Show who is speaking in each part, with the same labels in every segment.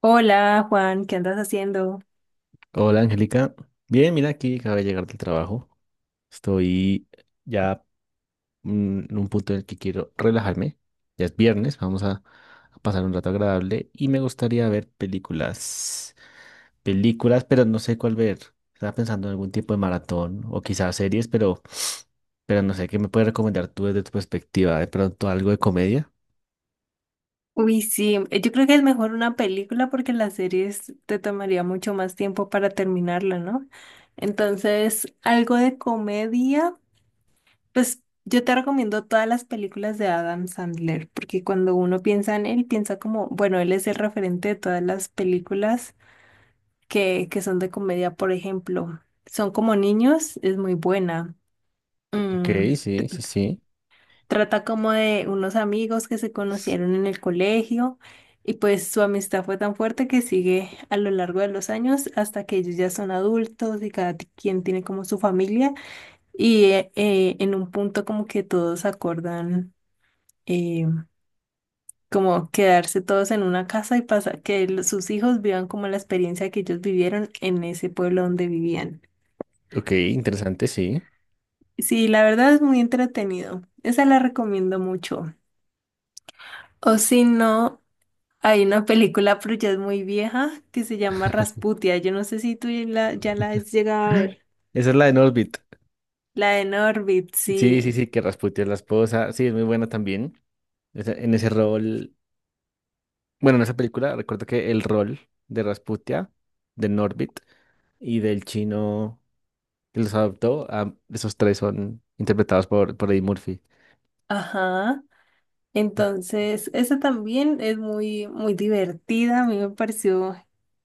Speaker 1: Hola Juan, ¿qué andas haciendo?
Speaker 2: Hola, Angélica. Bien, mira, aquí acabo de llegar del trabajo. Estoy ya en un punto en el que quiero relajarme. Ya es viernes, vamos a pasar un rato agradable y me gustaría ver películas. Películas, pero no sé cuál ver. Estaba pensando en algún tipo de maratón o quizás series, pero no sé qué me puedes recomendar tú desde tu perspectiva. De pronto algo de comedia.
Speaker 1: Uy, sí, yo creo que es mejor una película porque las series te tomaría mucho más tiempo para terminarla, ¿no? Entonces, algo de comedia, pues yo te recomiendo todas las películas de Adam Sandler, porque cuando uno piensa en él, piensa como, bueno, él es el referente de todas las películas que son de comedia, por ejemplo. Son como niños, es muy buena.
Speaker 2: Ok,
Speaker 1: Mm,
Speaker 2: sí, sí, sí.
Speaker 1: trata como de unos amigos que se conocieron en el colegio y pues su amistad fue tan fuerte que sigue a lo largo de los años hasta que ellos ya son adultos y quien tiene como su familia y en un punto como que todos acordan eh, como quedarse todos en una casa y pasa que sus hijos vivan como la experiencia que ellos vivieron en ese pueblo donde vivían.
Speaker 2: Ok, interesante, sí.
Speaker 1: Sí, la verdad es muy entretenido. Esa la recomiendo mucho. O si no... hay una película, pero ya es muy vieja, que se llama Rasputia. Yo no sé si tú ya la has llegado a ver.
Speaker 2: Esa es la de Norbit.
Speaker 1: La de Norbit,
Speaker 2: Sí, sí,
Speaker 1: sí.
Speaker 2: sí, que Rasputin es la esposa. Sí, es muy buena también. En ese rol, bueno, en esa película, recuerdo que el rol de Rasputia, de Norbit y del chino que los adoptó, ah, esos tres son interpretados por Eddie Murphy.
Speaker 1: Ajá.
Speaker 2: Yep.
Speaker 1: Entonces, esa también es muy divertida. A mí me pareció,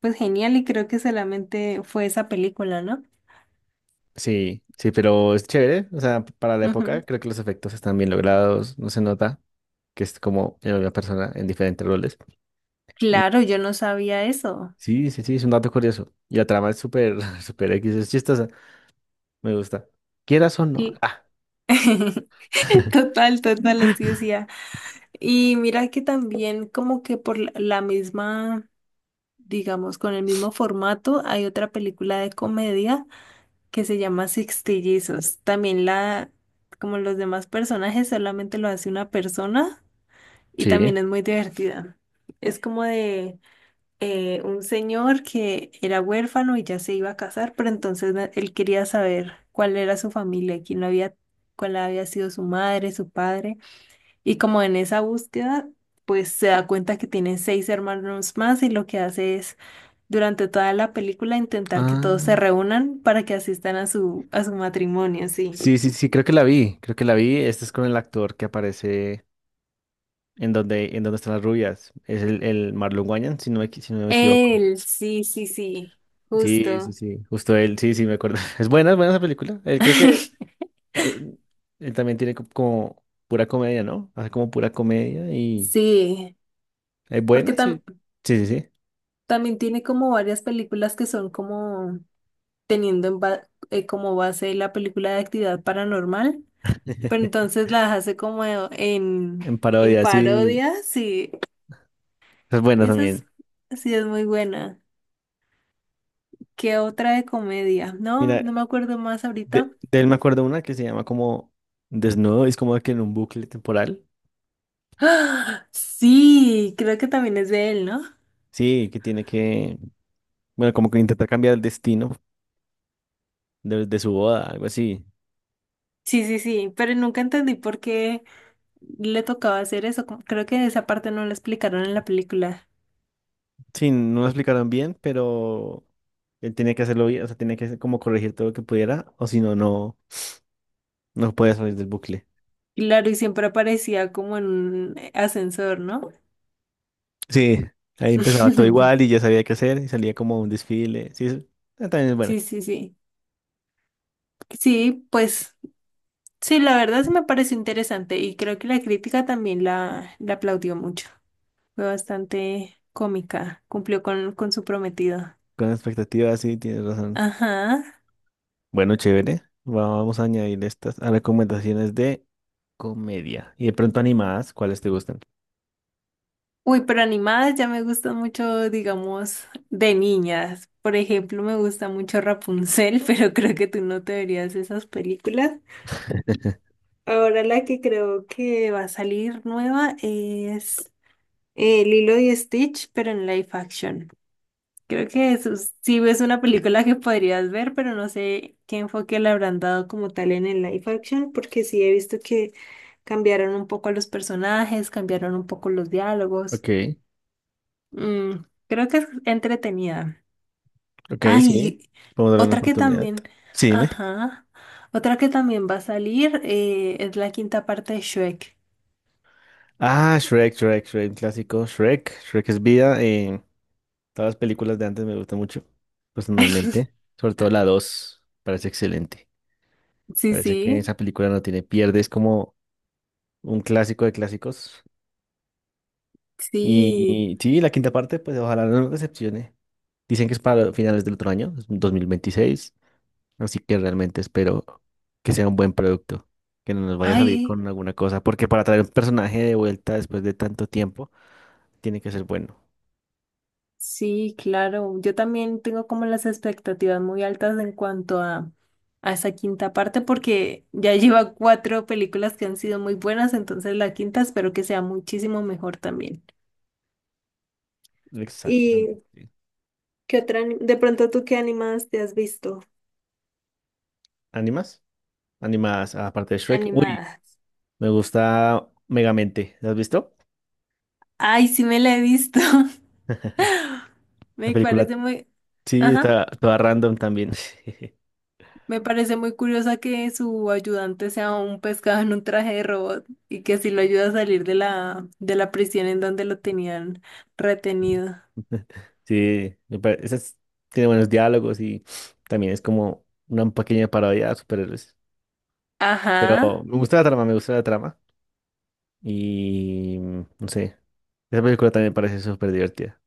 Speaker 1: pues, genial y creo que solamente fue esa película, ¿no?
Speaker 2: Sí, sí, pero es chévere. O sea, para la
Speaker 1: Ujú.
Speaker 2: época, creo que los efectos están bien logrados. No se nota que es como la misma persona en diferentes roles. Y
Speaker 1: Claro, yo no sabía eso.
Speaker 2: sí, sí, sí, es un dato curioso. Y la trama es súper, súper X, es chistosa. Me gusta. Quieras o no.
Speaker 1: Y...
Speaker 2: Ah.
Speaker 1: Total, total, así decía. Y mira que también como que por la misma... digamos, con el mismo formato, hay otra película de comedia que se llama Sextillizos. También la, como los demás personajes, solamente lo hace una persona y
Speaker 2: Sí.
Speaker 1: también es muy divertida. Es como de un señor que era huérfano y ya se iba a casar, pero entonces él quería saber cuál era su familia, quién lo había, cuál había sido su madre, su padre, y como en esa búsqueda, pues se da cuenta que tiene seis hermanos más y lo que hace es durante toda la película intentar que todos
Speaker 2: Ah,
Speaker 1: se reúnan para que asistan a a su matrimonio, sí.
Speaker 2: sí, sí, sí, creo que la vi, creo que la vi. Este es con el actor que aparece en donde están las rubias. Es el Marlon Wayans, si no me, si no me equivoco.
Speaker 1: Él, sí, sí, sí,
Speaker 2: Sí, sí,
Speaker 1: justo.
Speaker 2: sí, justo él, sí, sí, me acuerdo. Es buena esa película. Él creo que ta- él, él también tiene como pura comedia, ¿no? Hace como pura comedia y
Speaker 1: Sí,
Speaker 2: es
Speaker 1: porque
Speaker 2: buena, sí. Sí, sí, sí.
Speaker 1: también tiene como varias películas que son como teniendo en como base la película de actividad paranormal, pero entonces las hace como
Speaker 2: En
Speaker 1: en
Speaker 2: parodia, sí.
Speaker 1: parodia, sí,
Speaker 2: Es buena
Speaker 1: esa es,
Speaker 2: también.
Speaker 1: sí es muy buena. ¿Qué otra de comedia? No,
Speaker 2: Mira,
Speaker 1: me acuerdo más ahorita.
Speaker 2: de él me acuerdo una que se llama como Desnudo, es como que en un bucle temporal.
Speaker 1: ¡Ah! Sí, creo que también es de él, ¿no?
Speaker 2: Sí, bueno, como que intentar cambiar el destino de su boda, algo así.
Speaker 1: Sí, sí, sí, pero nunca entendí por qué le tocaba hacer eso. Creo que esa parte no la explicaron en la película.
Speaker 2: Sí, no lo explicaron bien, pero él tiene que hacerlo bien, o sea, tiene que como corregir todo lo que pudiera, o si no, no, no puede salir del bucle.
Speaker 1: Claro, y siempre aparecía como en un ascensor, ¿no?
Speaker 2: Sí, ahí empezaba todo igual y ya sabía qué hacer y salía como un desfile. Sí, eso ah, también es bueno.
Speaker 1: Sí, sí, sí. Sí, pues sí, la verdad sí me pareció interesante y creo que la crítica también la aplaudió mucho. Fue bastante cómica, cumplió con su prometido.
Speaker 2: Con expectativas, sí, tienes razón.
Speaker 1: Ajá.
Speaker 2: Bueno, chévere. Vamos a añadir estas a recomendaciones de comedia y de pronto animadas, ¿cuáles te gustan?
Speaker 1: Uy, pero animadas ya me gustan mucho, digamos, de niñas. Por ejemplo, me gusta mucho Rapunzel, pero creo que tú no te verías esas películas. Ahora la que creo que va a salir nueva es Lilo y Stitch, pero en live action. Creo que sí es una película que podrías ver, pero no sé qué enfoque le habrán dado como tal en el live action, porque sí he visto que cambiaron un poco a los personajes, cambiaron un poco los diálogos.
Speaker 2: Ok.
Speaker 1: Mm, creo que es entretenida.
Speaker 2: Ok, sí.
Speaker 1: Ay,
Speaker 2: Podemos darle una
Speaker 1: otra que
Speaker 2: oportunidad.
Speaker 1: también,
Speaker 2: Sí, dime.
Speaker 1: ajá, otra que también va a salir es la quinta parte de Shrek.
Speaker 2: Ah, Shrek, Shrek, Shrek, un clásico. Shrek, Shrek es vida. Eh, todas las películas de antes me gustan mucho, personalmente. Sobre todo la 2 parece excelente.
Speaker 1: Sí,
Speaker 2: Parece que
Speaker 1: sí,
Speaker 2: esa película no tiene pierde, es como un clásico de clásicos.
Speaker 1: sí.
Speaker 2: Y sí, la quinta parte, pues ojalá no nos decepcione. Dicen que es para finales del otro año, es 2026. Así que realmente espero que sea un buen producto, que no nos vaya a salir
Speaker 1: Ay,
Speaker 2: con alguna cosa, porque para traer un personaje de vuelta después de tanto tiempo, tiene que ser bueno.
Speaker 1: sí, claro. Yo también tengo como las expectativas muy altas en cuanto a esa quinta parte porque ya lleva cuatro películas que han sido muy buenas, entonces la quinta espero que sea muchísimo mejor también. ¿Y
Speaker 2: Exactamente.
Speaker 1: qué otra, de pronto tú qué animadas te has visto?
Speaker 2: ¿Animas? ¿Animas aparte de Shrek? Uy,
Speaker 1: Animadas.
Speaker 2: me gusta Megamente. ¿La has visto?
Speaker 1: Ay, sí me la he visto.
Speaker 2: La
Speaker 1: Me
Speaker 2: película,
Speaker 1: parece muy,
Speaker 2: sí,
Speaker 1: ajá,
Speaker 2: está toda random también.
Speaker 1: me parece muy curiosa que su ayudante sea un pescado en un traje de robot y que así lo ayuda a salir de de la prisión en donde lo tenían retenido.
Speaker 2: Sí, me pare- esa es- tiene buenos diálogos y también es como una pequeña parodia a superhéroes.
Speaker 1: Ajá.
Speaker 2: Pero me gusta la trama, me gusta la trama. Y no sé. Esa película también me parece súper divertida.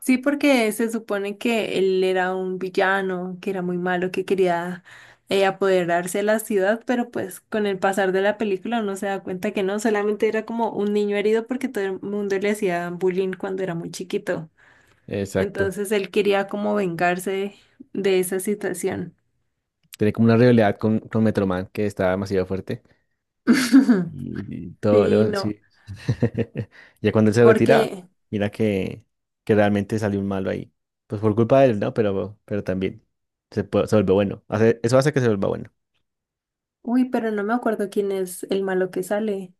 Speaker 1: Sí, porque se supone que él era un villano, que era muy malo, que quería apoderarse de la ciudad, pero pues con el pasar de la película uno se da cuenta que no, solamente era como un niño herido porque todo el mundo le hacía bullying cuando era muy chiquito.
Speaker 2: Exacto.
Speaker 1: Entonces él quería como vengarse de esa situación.
Speaker 2: Tiene como una rivalidad con Metro Man que está demasiado fuerte. Y todo,
Speaker 1: Sí,
Speaker 2: ¿no?
Speaker 1: no,
Speaker 2: Sí. Ya cuando él se retira,
Speaker 1: porque,
Speaker 2: mira que realmente salió un malo ahí. Pues por culpa de él, ¿no? Pero también se vuelve bueno. Eso hace que se vuelva bueno.
Speaker 1: uy, pero no me acuerdo quién es el malo que sale.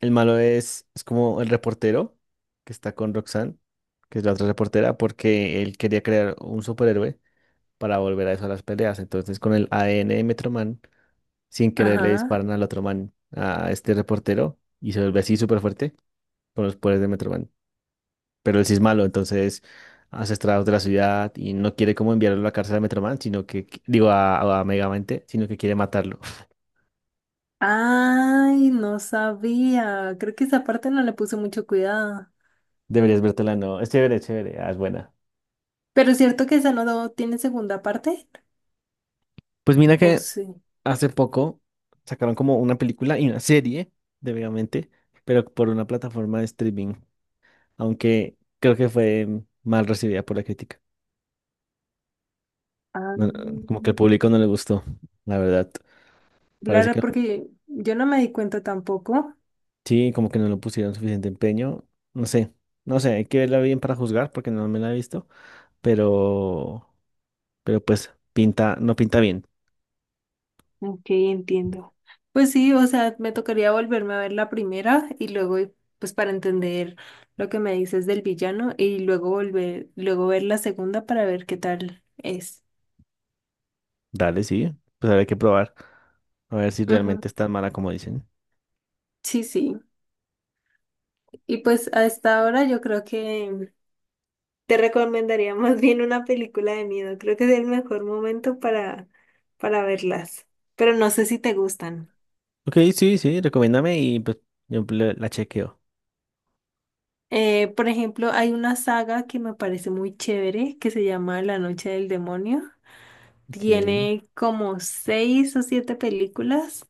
Speaker 2: El malo es como el reportero que está con Roxanne, que es la otra reportera, porque él quería crear un superhéroe para volver a eso a las peleas. Entonces, con el ADN de Metro Man sin querer le
Speaker 1: Ajá.
Speaker 2: disparan al otro man, a este reportero, y se vuelve así súper fuerte por los poderes de Metroman. Pero él sí es malo, entonces hace estragos de la ciudad y no quiere como enviarlo a la cárcel a Metroman, sino que, digo, a Megamente, sino que quiere matarlo.
Speaker 1: Ay, no sabía. Creo que esa parte no le puse mucho cuidado.
Speaker 2: Deberías vértela, no. Es chévere, ah, es buena.
Speaker 1: Pero es cierto que esa no tiene segunda parte.
Speaker 2: Pues mira
Speaker 1: ¿O
Speaker 2: que
Speaker 1: sí?
Speaker 2: hace poco sacaron como una película y una serie de Megamente, pero por una plataforma de streaming, aunque creo que fue mal recibida por la crítica.
Speaker 1: Ah,
Speaker 2: No, no, como que al público no le gustó, la verdad. Parece
Speaker 1: claro,
Speaker 2: que no,
Speaker 1: porque yo no me di cuenta tampoco.
Speaker 2: sí, como que no lo pusieron suficiente empeño. No sé, no sé, hay que verla bien para juzgar porque no me la he visto, pero, pero pues pinta, no pinta bien.
Speaker 1: Ok, entiendo. Pues sí, o sea, me tocaría volverme a ver la primera y pues para entender lo que me dices del villano y luego volver, luego ver la segunda para ver qué tal es.
Speaker 2: Dale, sí, pues habrá que probar, a ver si
Speaker 1: Ujú,
Speaker 2: realmente es tan mala como dicen.
Speaker 1: sí, sí. Y pues a esta hora yo creo que te recomendaría más bien una película de miedo. Creo que es el mejor momento para verlas. Pero no sé si te gustan.
Speaker 2: Ok, sí, sí, recomiéndame y pues yo la chequeo.
Speaker 1: Por ejemplo, hay una saga que me parece muy chévere que se llama La Noche del Demonio.
Speaker 2: Ok,
Speaker 1: Tiene como seis o siete películas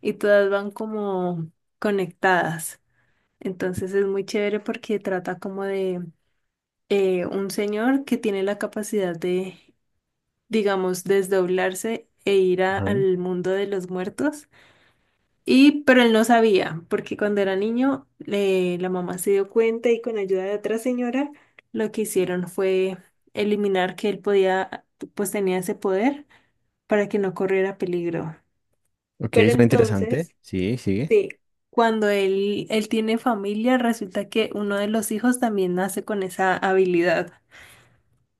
Speaker 1: y todas van como conectadas. Entonces es muy chévere porque trata como de un señor que tiene la capacidad de digamos, desdoblarse e ir
Speaker 2: ajá.
Speaker 1: al mundo de los muertos. Y, pero él no sabía, porque cuando era niño, la mamá se dio cuenta y con ayuda de otra señora, lo que hicieron fue eliminar que él podía, pues tenía ese poder para que no corriera peligro.
Speaker 2: Ok,
Speaker 1: Pero
Speaker 2: suena interesante.
Speaker 1: entonces,
Speaker 2: Sí, sigue.
Speaker 1: sí, cuando él tiene familia, resulta que uno de los hijos también nace con esa habilidad.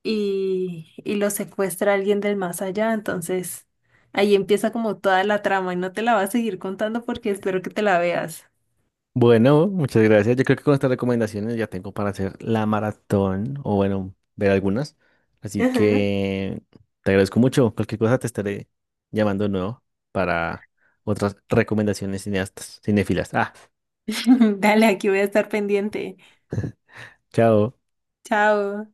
Speaker 1: Y, y lo secuestra alguien del más allá. Entonces, ahí empieza como toda la trama y no te la va a seguir contando porque espero que te la veas.
Speaker 2: Bueno, muchas gracias. Yo creo que con estas recomendaciones ya tengo para hacer la maratón o bueno, ver algunas. Así
Speaker 1: Ajá.
Speaker 2: que te agradezco mucho. Cualquier cosa te estaré llamando de nuevo para otras recomendaciones cineastas, cinéfilas. Ah,
Speaker 1: Dale, aquí voy a estar pendiente.
Speaker 2: chao.
Speaker 1: Chao.